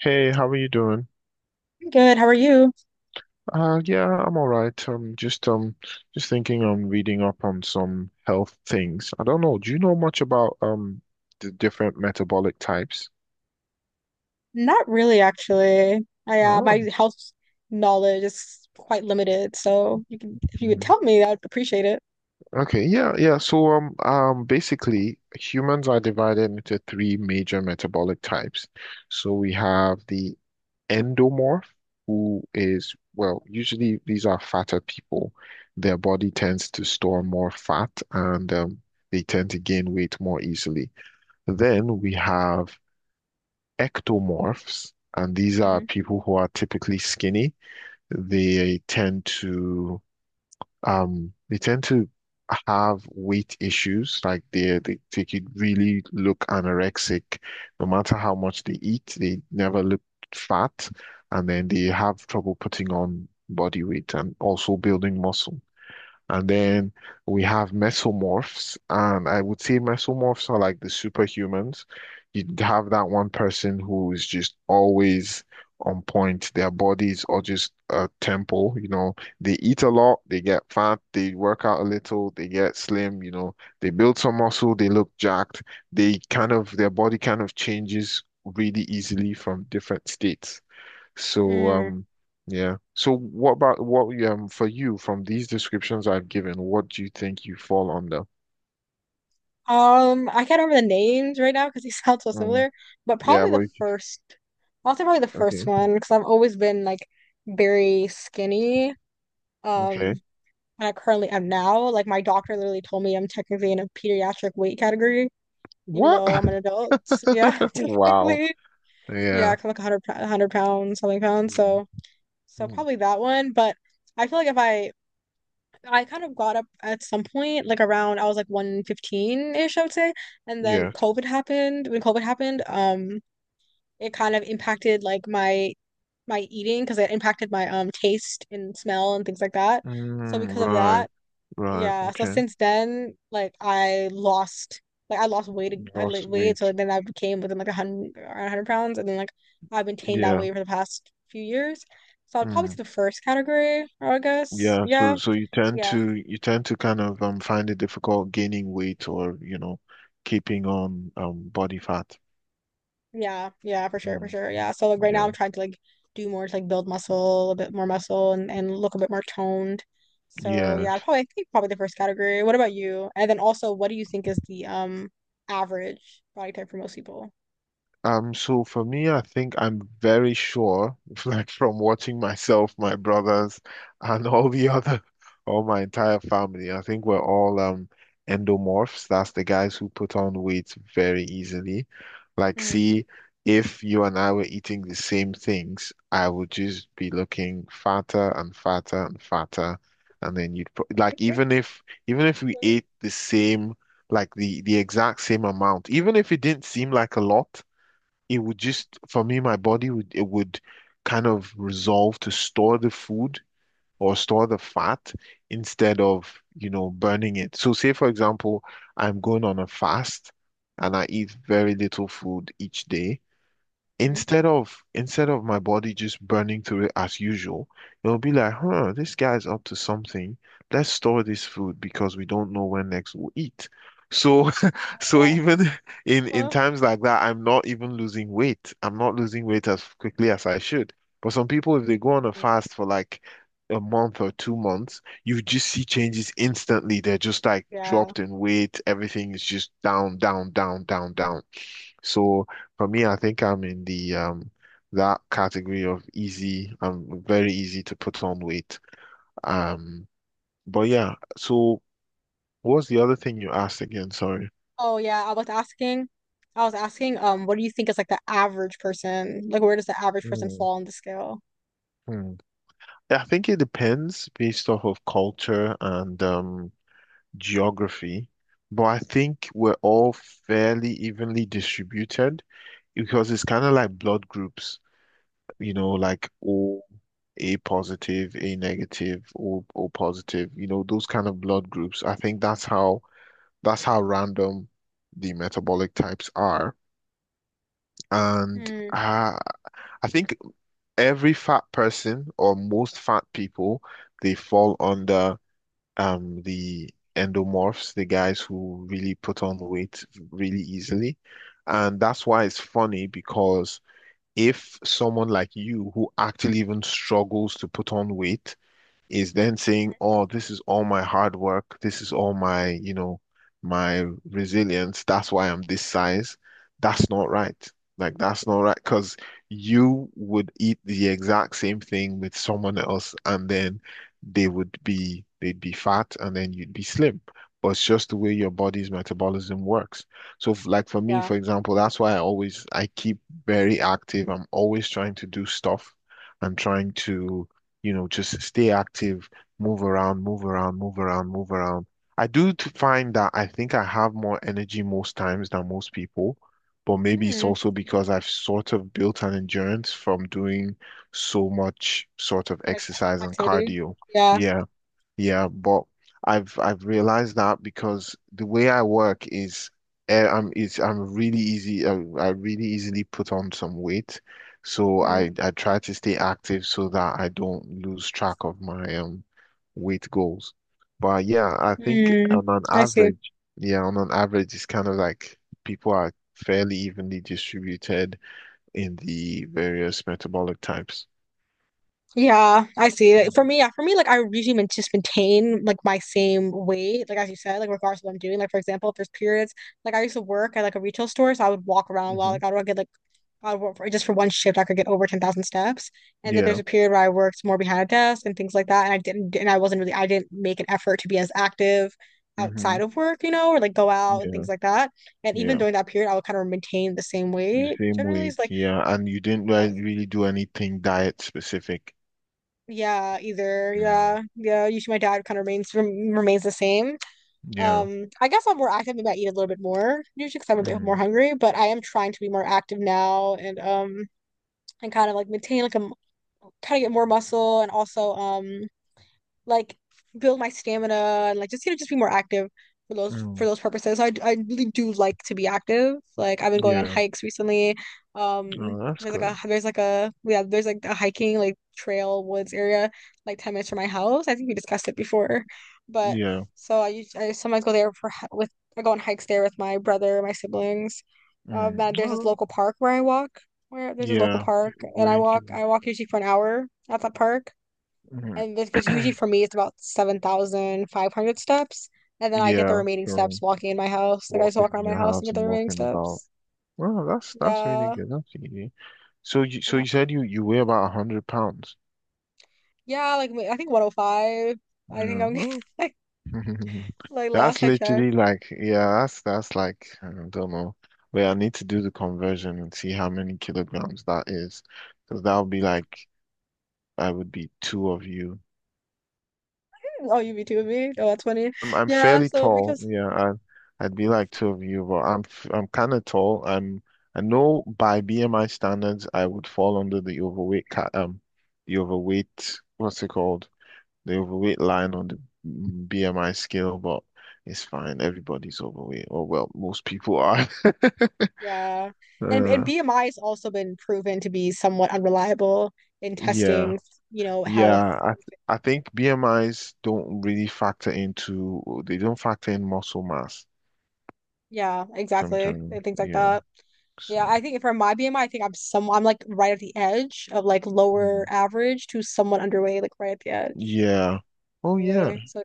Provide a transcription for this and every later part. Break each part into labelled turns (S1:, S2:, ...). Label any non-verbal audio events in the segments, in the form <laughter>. S1: Hey, how are you doing?
S2: Good. How are you?
S1: Yeah, I'm all right. Just thinking on reading up on some health things. I don't know. Do you know much about the different metabolic types?
S2: Not really, actually. I, my
S1: Oh,
S2: health knowledge is quite limited, so you can if you could
S1: mhm.
S2: tell me, I'd appreciate it.
S1: Okay. Yeah, yeah. Basically, humans are divided into three major metabolic types. So we have the endomorph, who is, well, usually these are fatter people. Their body tends to store more fat and they tend to gain weight more easily. Then we have ectomorphs, and these are
S2: Hmm.
S1: people who are typically skinny. They tend to um they tend to have weight issues like they could really look anorexic no matter how much they eat. They never look fat, and then they have trouble putting on body weight and also building muscle. And then we have mesomorphs, and I would say mesomorphs are like the superhumans. You'd have that one person who is just always on point. Their bodies are just a temple, you know. They eat a lot, they get fat, they work out a little, they get slim, you know. They build some muscle, they look jacked. Their body kind of changes really easily from different states. So
S2: Mm.
S1: um yeah. So what about, what for you, from these descriptions I've given, what do you think you fall under?
S2: I can't remember the names right now because they <laughs> sound so
S1: Mm,
S2: similar, but
S1: yeah,
S2: probably
S1: but
S2: the first. I'll say probably the first
S1: okay,
S2: one because I've always been like very skinny.
S1: okay.
S2: Um, and I currently am now. Like my doctor literally told me I'm technically in a pediatric weight category, even
S1: What?
S2: though I'm an
S1: <laughs>
S2: adult. Yeah, <laughs>
S1: Wow.
S2: technically. Yeah,
S1: Yeah.
S2: kind of like 100, 100 pounds, something pounds.
S1: Mhm.
S2: So
S1: Mm,
S2: probably that one. But I feel like if I, I kind of got up at some point, like around, I was like 115-ish, I would say. And then
S1: yes.
S2: COVID happened. When COVID happened, it kind of impacted my eating because it impacted my, taste and smell and things like that. So
S1: Mm,
S2: because of
S1: right,
S2: that,
S1: right.
S2: yeah, so
S1: Okay.
S2: since then, like I lost weight, I like
S1: Lost
S2: weight, so
S1: weight.
S2: then I became within like a hundred, around hundred pounds, and then like I've maintained that
S1: Yeah.
S2: weight for the past few years. So I'd probably
S1: Mm,
S2: say the first category, I guess.
S1: yeah. So
S2: Yeah,
S1: so you tend
S2: yeah,
S1: to you tend to kind of find it difficult gaining weight or, you know, keeping on body fat.
S2: yeah, for sure, for
S1: Mm,
S2: sure. Yeah. So like right now, I'm
S1: yeah.
S2: trying to like do more to like build muscle, a bit more muscle, and look a bit more toned. So yeah, I'd
S1: Yes.
S2: probably I think probably the first category. What about you? And then also, what do you think is the average body type for most people?
S1: So for me, I think I'm very sure, <laughs> like from watching myself, my brothers, and all my entire family, I think we're all endomorphs. That's the guys who put on weight very easily. Like,
S2: Mhm.
S1: see, if you and I were eating the same things, I would just be looking fatter and fatter and fatter. And then you'd pro- like even if we ate
S2: <laughs>
S1: the same, like the exact same amount, even if it didn't seem like a lot, it would just, for me, my body would, it would kind of resolve to store the food or store the fat instead of, you know, burning it. So say for example I'm going on a fast and I eat very little food each day,
S2: Mhm.
S1: instead of my body just burning through it as usual, it'll be like, huh, this guy's up to something. Let's store this food because we don't know when next we'll eat. So <laughs> so
S2: Uh,
S1: even in
S2: huh.
S1: times like that, I'm not even losing weight. I'm not losing weight as quickly as I should. But some people, if they go on a
S2: Mm.
S1: fast for like a month or 2 months, you just see changes instantly. They're just like
S2: Yeah.
S1: dropped in weight. Everything is just down, down, down, down, down. So for me, I think I'm in the that category of easy. I'm very easy to put on weight. Um, but yeah, so what's the other thing you asked again? Sorry.
S2: Oh yeah, I was asking, what do you think is like the average person? Like where does the average person
S1: Hmm.
S2: fall on the scale?
S1: Hmm. I think it depends based off of culture and geography, but I think we're all fairly evenly distributed because it's kind of like blood groups. You know, like O, A positive, A negative, O, O positive, you know, those kind of blood groups. I think that's how, that's how random the metabolic types are. And
S2: Hmm.
S1: I think every fat person, or most fat people, they fall under the endomorphs, the guys who really put on weight really easily. And that's why it's funny, because if someone like you who actually even struggles to put on weight is then saying, "Oh, this is all my hard work. This is all my, you know, my resilience. That's why I'm this size." That's not right. Like that's not right because you would eat the exact same thing with someone else, and then they'd be fat, and then you'd be slim. But it's just the way your body's metabolism works. So, f- like for me,
S2: Yeah.
S1: for example, that's why I keep very active. I'm always trying to do stuff. I'm trying to, you know, just stay active, move around, move around, move around, move around. I do t- find that I think I have more energy most times than most people, but maybe it's
S2: Hmm.
S1: also because I've sort of built an endurance from doing so much sort of
S2: Like
S1: exercise and
S2: activity.
S1: cardio.
S2: Yeah.
S1: Yeah. Yeah, but I've realized that because the way I work is, eh, I'm really easy, I really easily put on some weight. So
S2: Hmm.
S1: I try to stay active so that I don't lose track of my weight goals. But yeah, I think
S2: Hmm.
S1: on an
S2: I see.
S1: average, yeah, on an average it's kind of like people are fairly evenly distributed in the various metabolic types.
S2: Yeah, I see. Like, for me, yeah, for me, like I usually just maintain like my same weight, like as you said, like regardless of what I'm doing. Like for example, if there's periods, like I used to work at like a retail store, so I would walk around a lot.
S1: Hmm.
S2: Like I would get like I work for just for one shift, I could get over 10,000 steps. And then there's
S1: Yeah.
S2: a period where I worked more behind a desk and things like that. And I didn't, and I wasn't really, I didn't make an effort to be as active
S1: Hmm.
S2: outside of work, you know, or like go out and
S1: Yeah.
S2: things like that. And even
S1: Yeah.
S2: during that period, I would kind of maintain the same
S1: The
S2: weight
S1: same
S2: generally.
S1: weight, yeah. And you didn't re-
S2: Yeah,
S1: really do anything diet specific.
S2: yeah, either,
S1: Mm.
S2: yeah, yeah. Usually my diet kind of remains the same.
S1: Yeah.
S2: I guess I'm more active. Maybe I eat a little bit more usually because I'm a bit more
S1: Mm.
S2: hungry, but I am trying to be more active now and kind of like maintain like a kind of get more muscle and also like build my stamina and like just you know just be more active for
S1: Mm.
S2: those purposes. So I really do like to be active. Like I've been going on
S1: Yeah.
S2: hikes recently.
S1: Oh, that's good.
S2: There's like a yeah there's like a hiking like trail woods area like 10 minutes from my house. I think we discussed it before, but
S1: Yeah.
S2: I sometimes go there for hi- with I go on hikes there with my brother, my siblings.
S1: Mm.
S2: And there's this
S1: Well,
S2: local park where I walk. Where there's this local
S1: yeah.
S2: park and I
S1: Thank
S2: walk
S1: you.
S2: I walk usually for an hour at that park
S1: Mm.
S2: and this, which usually
S1: <clears throat>
S2: for me it's about 7,500 steps. And then I get the
S1: Yeah.
S2: remaining
S1: So
S2: steps walking in my house. Like I just
S1: walking
S2: walk
S1: in
S2: around my
S1: your
S2: house and
S1: house
S2: get
S1: and
S2: the remaining
S1: walking about.
S2: steps.
S1: Well, that's really
S2: Yeah.
S1: good. That's easy. So you so
S2: Yeah.
S1: you said you you weigh about 100 pounds.
S2: Yeah. Like I think 105. I think
S1: Yeah.
S2: I'm
S1: Oh,
S2: <laughs> like,
S1: <laughs>
S2: like
S1: that's
S2: last I checked.
S1: literally like, yeah, that's like, I don't know. Wait, I need to do the conversion and see how many kilograms that is, because that would be like, I would be two of you.
S2: Oh, you be two of me? Oh, that's funny.
S1: I'm
S2: Yeah.
S1: fairly
S2: So
S1: tall,
S2: because,
S1: yeah. I, I'd be like two of you, but I'm f- I'm kind of tall. I'm, I know by BMI standards, I would fall under the overweight ca the overweight, what's it called, the overweight line on the BMI scale. But it's fine. Everybody's overweight, or well, most people are. <laughs>
S2: yeah. And
S1: Uh,
S2: BMI has also been proven to be somewhat unreliable in
S1: yeah,
S2: testing, you know, health.
S1: yeah. I think BMIs don't really factor into, they don't factor in muscle mass
S2: Yeah, exactly.
S1: sometimes.
S2: And things like
S1: Yeah.
S2: that. Yeah,
S1: So,
S2: I think for my BMI, I think I'm like right at the edge of like lower
S1: mm,
S2: average to somewhat underweight, like right at the edge.
S1: yeah. Oh yeah.
S2: Probably. So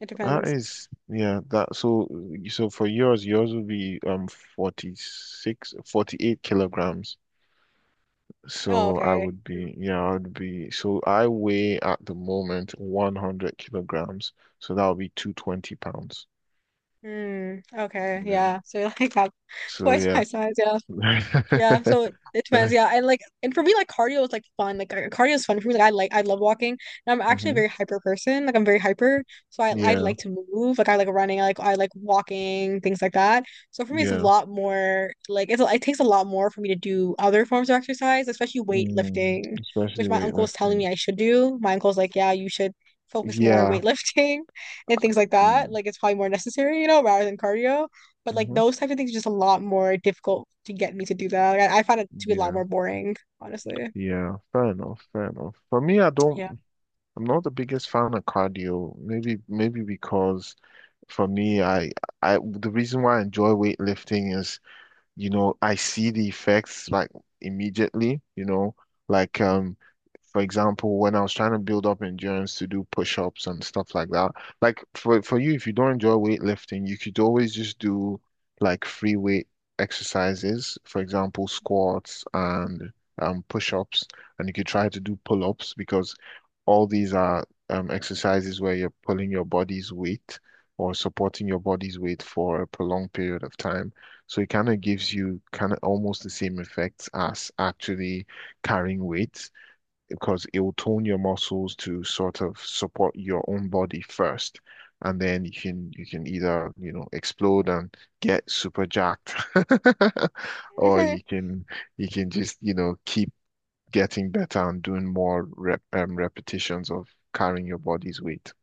S2: it
S1: That
S2: depends.
S1: is, yeah. That, so so for yours, yours would be 46, 48 kilograms.
S2: Oh,
S1: So I
S2: okay.
S1: would be, yeah, I would be. So I weigh at the moment 100 kilograms. So that would be 220 pounds.
S2: Hmm. Okay.
S1: Yeah.
S2: Yeah. So <laughs> like that
S1: So
S2: twice
S1: yeah.
S2: my size. Yeah. Yeah, so it
S1: <laughs>
S2: it depends. Yeah, and like, and for me, like cardio is like fun. Like cardio is fun for me. Like, I love walking. And I'm actually a
S1: Hmm.
S2: very hyper person. Like I'm very hyper, so I
S1: Yeah.
S2: like to move. Like I like running. I like walking, things like that. So for me, it's a
S1: Yeah.
S2: lot more. Like it's it takes a lot more for me to do other forms of exercise, especially
S1: Mm,
S2: weightlifting,
S1: especially
S2: which my uncle was telling
S1: weightlifting.
S2: me I should do. My uncle's like, yeah, you should focus more on
S1: Yeah.
S2: weightlifting <laughs> and things like that.
S1: Mm,
S2: Like it's probably more necessary, you know, rather than cardio. But like
S1: hmm.
S2: those types of things are just a lot more difficult to get me to do that. I find it to be a lot
S1: Yeah.
S2: more boring, honestly.
S1: Yeah. Fair enough. Fair enough. For me, I don't,
S2: Yeah.
S1: I'm not the biggest fan of cardio. Maybe, maybe because for me, the reason why I enjoy weightlifting is, you know, I see the effects like immediately, you know, like for example, when I was trying to build up endurance to do push-ups and stuff like that. Like for you, if you don't enjoy weightlifting, you could always just do like free weight exercises, for example, squats and push-ups, and you could try to do pull-ups, because all these are exercises where you're pulling your body's weight or supporting your body's weight for a prolonged period of time. So it kind of gives you kind of almost the same effects as actually carrying weight, because it will tone your muscles to sort of support your own body first. And then you can, you can either, you know, explode and get super jacked <laughs> or you
S2: <laughs>
S1: can, you can just, you know, keep getting better and doing more rep, repetitions of carrying your body's weight.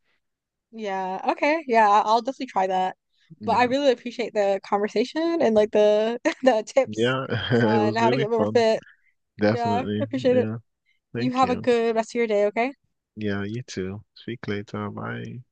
S2: Yeah. Okay. Yeah, I'll definitely try that. But I
S1: Yeah.
S2: really appreciate the conversation and like the <laughs> the tips
S1: Yeah, <laughs> it
S2: on
S1: was
S2: how to
S1: really
S2: get more
S1: fun.
S2: fit. Yeah, I
S1: Definitely.
S2: appreciate it.
S1: Yeah.
S2: You
S1: Thank
S2: have a
S1: you.
S2: good rest of your day, okay?
S1: Yeah, you too. Speak later. Bye.